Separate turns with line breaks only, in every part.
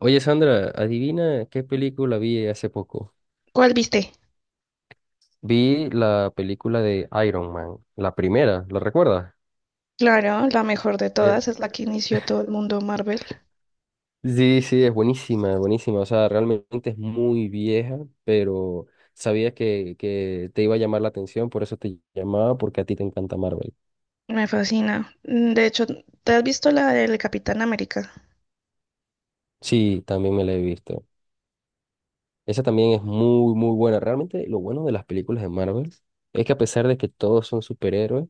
Oye, Sandra, adivina qué película vi hace poco.
¿Cuál viste?
Vi la película de Iron Man, la primera, ¿la recuerdas?
Claro, la mejor de
Eh,
todas es la que inició todo el mundo Marvel.
sí, sí, es buenísima, buenísima. O sea, realmente es muy vieja, pero sabía que te iba a llamar la atención, por eso te llamaba, porque a ti te encanta Marvel.
Me fascina. De hecho, ¿te has visto la del Capitán América?
Sí, también me la he visto. Esa también es muy, muy buena. Realmente lo bueno de las películas de Marvel es que a pesar de que todos son superhéroes,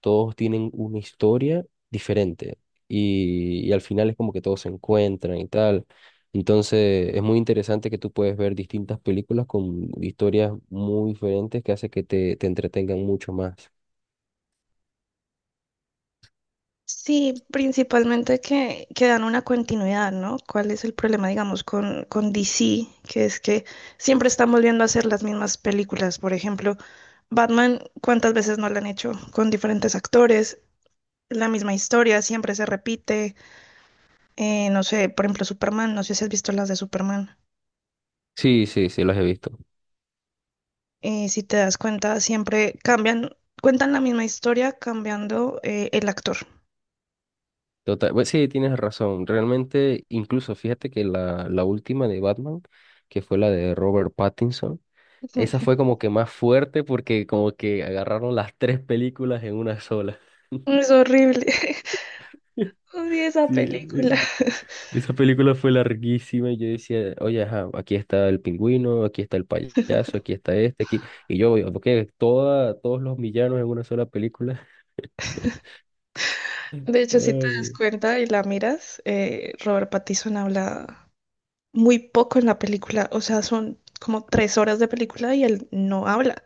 todos tienen una historia diferente y al final es como que todos se encuentran y tal. Entonces es muy interesante que tú puedes ver distintas películas con historias muy diferentes que hace que te entretengan mucho más.
Sí, principalmente que dan una continuidad, ¿no? ¿Cuál es el problema, digamos, con DC? Que es que siempre están volviendo a hacer las mismas películas. Por ejemplo, Batman, ¿cuántas veces no la han hecho con diferentes actores? La misma historia siempre se repite. No sé, por ejemplo, Superman, no sé si has visto las de Superman.
Sí, sí, sí, los he visto.
Si te das cuenta, siempre cambian, cuentan la misma historia cambiando el actor.
Total, pues sí, tienes razón. Realmente, incluso fíjate que la última de Batman, que fue la de Robert Pattinson. Esa fue como que más fuerte porque como que agarraron las tres películas en una sola.
Es horrible. Odio esa
Sí, eh,
película.
esa película fue larguísima y yo decía, oye, ajá, aquí está el pingüino, aquí está el payaso, aquí está este, aquí. Y yo, porque todos los villanos en una sola película.
De hecho, si te das
Ay,
cuenta y la miras, Robert Pattinson habla muy poco en la película. O sea, son como tres horas de película y él no habla.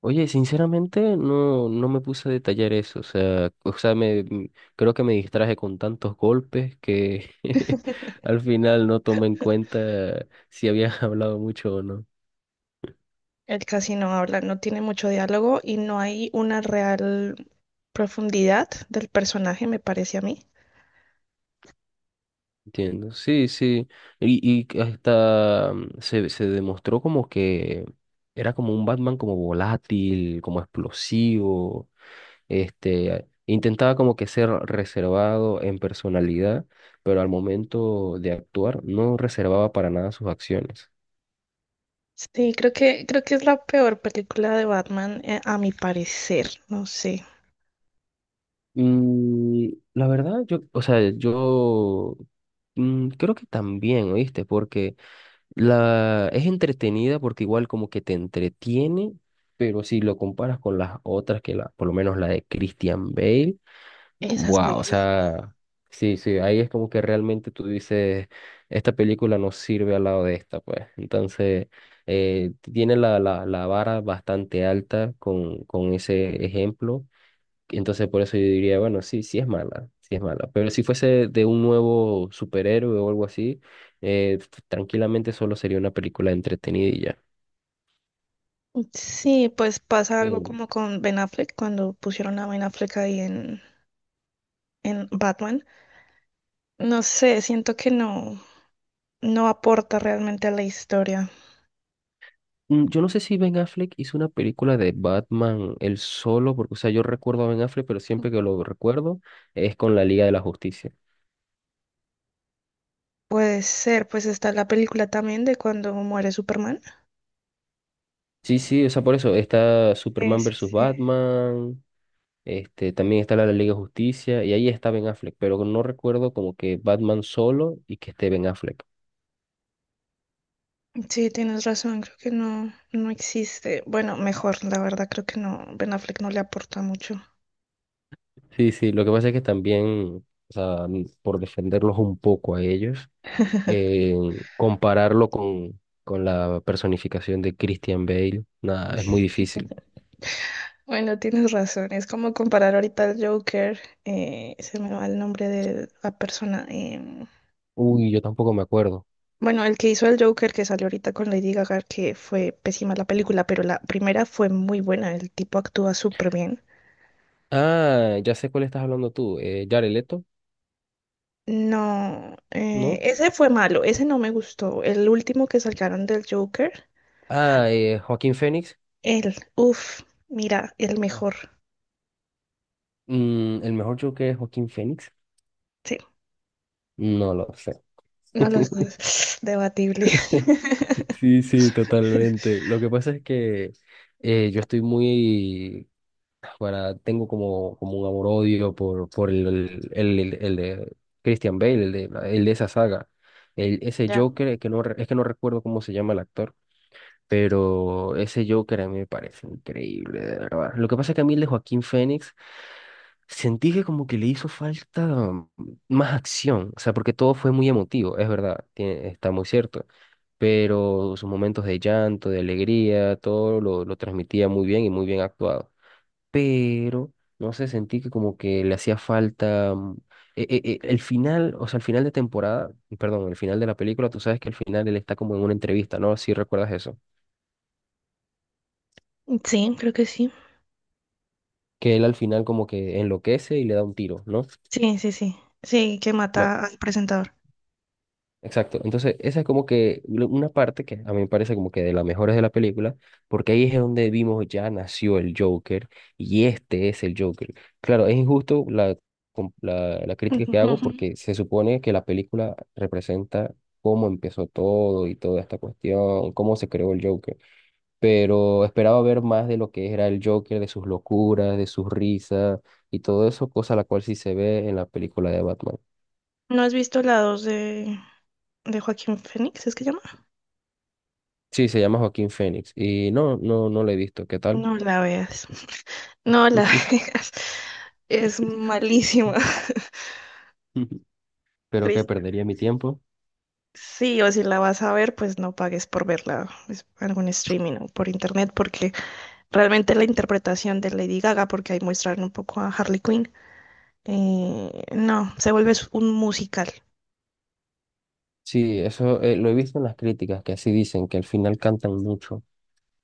oye, sinceramente no, no me puse a detallar eso, o sea, creo que me distraje con tantos golpes que al final no tomé en cuenta si había hablado mucho o no.
Él casi no habla, no tiene mucho diálogo y no hay una real profundidad del personaje, me parece a mí.
Entiendo, sí, sí, y hasta se demostró como que era como un Batman como volátil, como explosivo. Intentaba como que ser reservado en personalidad, pero al momento de actuar no reservaba para nada sus acciones.
Sí, creo que es la peor película de Batman, a mi parecer, no sé.
Y la verdad, yo, o sea, yo, creo que también, ¿oíste? Porque la es entretenida porque igual como que te entretiene, pero si lo comparas con las otras, que por lo menos la de Christian Bale.
Esa es
Wow, o
buenísima.
sea, sí, sí, ahí es como que realmente tú dices, esta película no sirve al lado de esta, pues. Entonces, tiene la vara bastante alta con ese ejemplo. Entonces, por eso yo diría, bueno, sí, sí es mala, sí es mala. Pero si fuese de un nuevo superhéroe o algo así, eh, tranquilamente solo sería una película entretenida y
Sí, pues pasa
ya.
algo como con Ben Affleck cuando pusieron a Ben Affleck ahí en Batman. No sé, siento que no, no aporta realmente a la historia.
Yo no sé si Ben Affleck hizo una película de Batman él solo, porque, o sea, yo recuerdo a Ben Affleck, pero siempre que lo recuerdo es con la Liga de la Justicia.
Puede ser, pues está la película también de cuando muere Superman.
Sí, sí, o sea, por eso está
Sí,
Superman
sí,
versus
sí.
Batman, también está la de la Liga de Justicia, y ahí está Ben Affleck, pero no recuerdo como que Batman solo y que esté Ben Affleck.
Sí, tienes razón, creo que no, no existe. Bueno, mejor, la verdad, creo que no, Ben Affleck no le aporta mucho.
Sí, sí, lo que pasa es que también, o sea, por defenderlos un poco a ellos, eh, compararlo con la personificación de Christian Bale, nada, es muy difícil.
Bueno, tienes razón, es como comparar ahorita al Joker, se me va el nombre de la persona.
Uy, yo tampoco me acuerdo.
Bueno, el que hizo el Joker que salió ahorita con Lady Gaga, que fue pésima la película, pero la primera fue muy buena, el tipo actúa súper bien.
Ah, ya sé cuál estás hablando tú. Jared Leto,
No,
¿no?
ese fue malo, ese no me gustó. El último que sacaron del Joker,
Ah, Joaquín Phoenix.
el, uff, mira, el mejor.
¿El mejor Joker es Joaquín Phoenix?
Sí,
No lo sé.
no los dos, debatible.
Sí, sí, totalmente. Lo que pasa es que yo estoy muy. Tengo como un amor-odio por el- de Christian Bale, el de esa saga. Ese
Ya.
Joker, que no, es que no recuerdo cómo se llama el actor. Pero ese Joker a mí me parece increíble, de verdad. Lo que pasa es que a mí el de Joaquín Phoenix sentí que como que le hizo falta más acción, o sea, porque todo fue muy emotivo, es verdad, está muy cierto. Pero sus momentos de llanto, de alegría, todo lo transmitía muy bien y muy bien actuado. Pero no sé, sentí que como que le hacía falta, el final, o sea, el final de temporada, perdón, el final de la película, tú sabes que al final él está como en una entrevista, ¿no? Si recuerdas eso,
Sí, creo que sí.
que él al final como que enloquece y le da un tiro, ¿no?
Sí, sí, sí. Sí, que
Bueno,
mata al presentador.
exacto. Entonces, esa es como que una parte que a mí me parece como que de las mejores de la película, porque ahí es donde vimos ya nació el Joker y este es el Joker. Claro, es injusto la
Ujú.
crítica que hago
Ujú.
porque se supone que la película representa cómo empezó todo y toda esta cuestión, cómo se creó el Joker. Pero esperaba ver más de lo que era el Joker, de sus locuras, de sus risas y todo eso, cosa la cual sí se ve en la película de Batman.
¿No has visto la 2 de Joaquín Phoenix? ¿Es que llama?
Sí, se llama Joaquín Phoenix y no, no, no lo he visto. ¿Qué tal?
No la veas. No la veas. Es malísima.
Pero que
Triste.
perdería mi tiempo.
Sí, o si la vas a ver, pues no pagues por verla pues, algún streaming o por internet, porque realmente la interpretación de Lady Gaga, porque ahí muestran un poco a Harley Quinn, no, se vuelve un musical.
Sí, eso lo he visto en las críticas, que así dicen, que al final cantan mucho.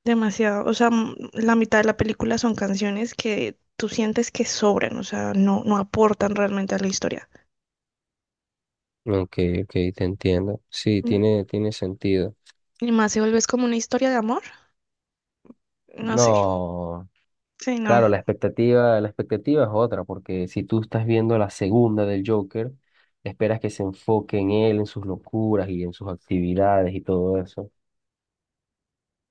Demasiado, o sea, la mitad de la película son canciones que tú sientes que sobran, o sea, no, no aportan realmente a la historia.
Ok, ok, te entiendo. Sí,
Mm,
tiene sentido.
Y más se vuelve es como una historia de amor, no sé,
No.
sí, no,
Claro, la expectativa es otra, porque si tú estás viendo la segunda del Joker, esperas que se enfoque en él, en sus locuras y en sus actividades y todo eso.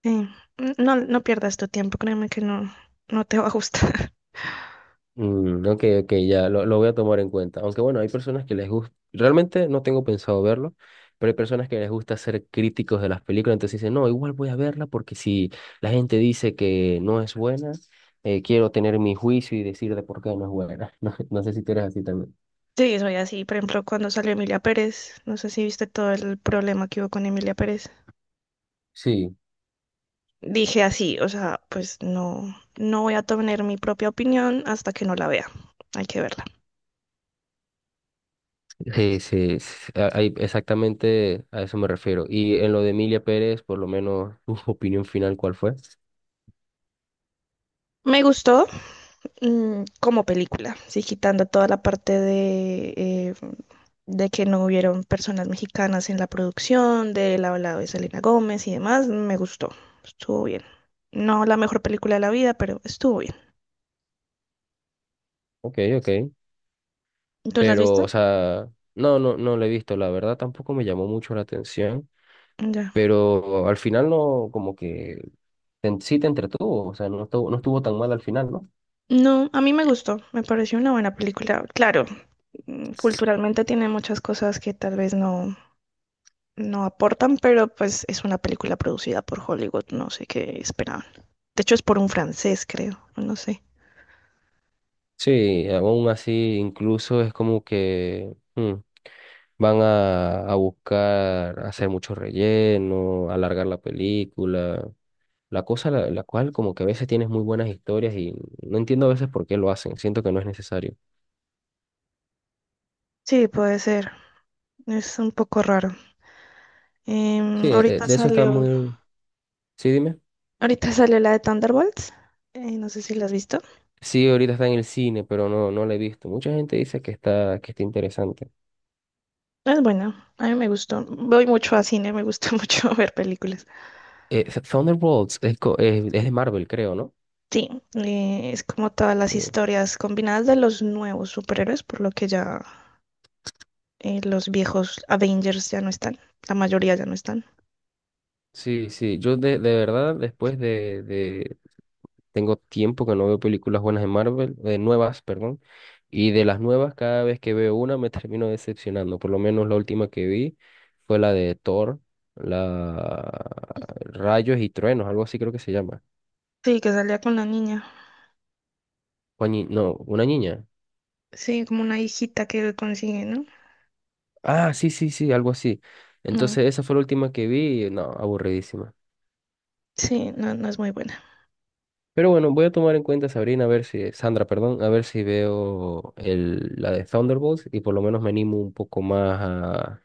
sí. No, no pierdas tu tiempo, créeme que no, no te va a gustar.
Ok, ok, ya lo voy a tomar en cuenta. Aunque bueno, hay personas que les gusta, realmente no tengo pensado verlo, pero hay personas que les gusta ser críticos de las películas, entonces dicen, no, igual voy a verla porque si la gente dice que no es buena, quiero tener mi juicio y decir de por qué no es buena. No, no sé si tú eres así también.
Sí, soy así. Por ejemplo, cuando salió Emilia Pérez, no sé si viste todo el problema que hubo con Emilia Pérez.
Sí.
Dije así, o sea, pues no, no voy a tener mi propia opinión hasta que no la vea. Hay que verla.
Sí, sí, sí, sí, ahí exactamente a eso me refiero. Y en lo de Emilia Pérez, por lo menos, tu opinión final, ¿cuál fue?
Me gustó como película, sí, quitando toda la parte de que no hubieron personas mexicanas en la producción, del hablado de Selena Gómez y demás, me gustó. Estuvo bien. No la mejor película de la vida, pero estuvo bien.
Ok, ok.
¿Tú la has
Pero,
visto?
o sea, no, no, no lo he visto, la verdad tampoco me llamó mucho la atención,
Ya.
pero al final no, como que sí te entretuvo, o sea, no estuvo, no estuvo tan mal al final, ¿no?
No, a mí me gustó, me pareció una buena película. Claro, culturalmente tiene muchas cosas que tal vez no, no aportan, pero pues es una película producida por Hollywood, no sé qué esperaban. De hecho es por un francés, creo, o no sé.
Sí, aún así, incluso es como que van a buscar hacer mucho relleno, alargar la película. La cosa la cual como que a veces tienes muy buenas historias y no entiendo a veces por qué lo hacen, siento que no es necesario.
Sí, puede ser. Es un poco raro.
Sí,
Em, ahorita
de eso está
salió,
muy. Sí, dime.
Ahorita salió la de Thunderbolts. No sé si la has visto.
Sí, ahorita está en el cine, pero no, no la he visto. Mucha gente dice que está interesante.
Es buena, a mí me gustó. Voy mucho a cine, me gusta mucho ver películas.
Thunderbolts es de Marvel, creo, ¿no?
Sí, es como todas las
Eh,
historias combinadas de los nuevos superhéroes, por lo que ya los viejos Avengers ya no están, la mayoría ya no están.
sí, sí, yo de verdad tengo tiempo que no veo películas buenas de Marvel, de nuevas, perdón. Y de las nuevas, cada vez que veo una me termino decepcionando. Por lo menos la última que vi fue la de Thor, la Rayos y Truenos, algo así creo que se llama.
Sí, que salía con la niña.
No, una niña.
Sí, como una hijita que él consigue, ¿no?
Ah, sí, sí, sí, algo así.
Mm,
Entonces esa fue la última que vi y no, aburridísima.
sí, no, no es muy buena.
Pero bueno, voy a tomar en cuenta Sabrina, a ver si, Sandra, perdón, a ver si veo la de Thunderbolts y por lo menos me animo un poco más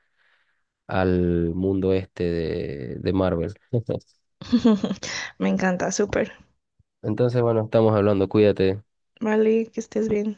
al mundo este de Marvel.
Me encanta, súper.
Entonces, bueno, estamos hablando, cuídate.
Vale, que estés bien.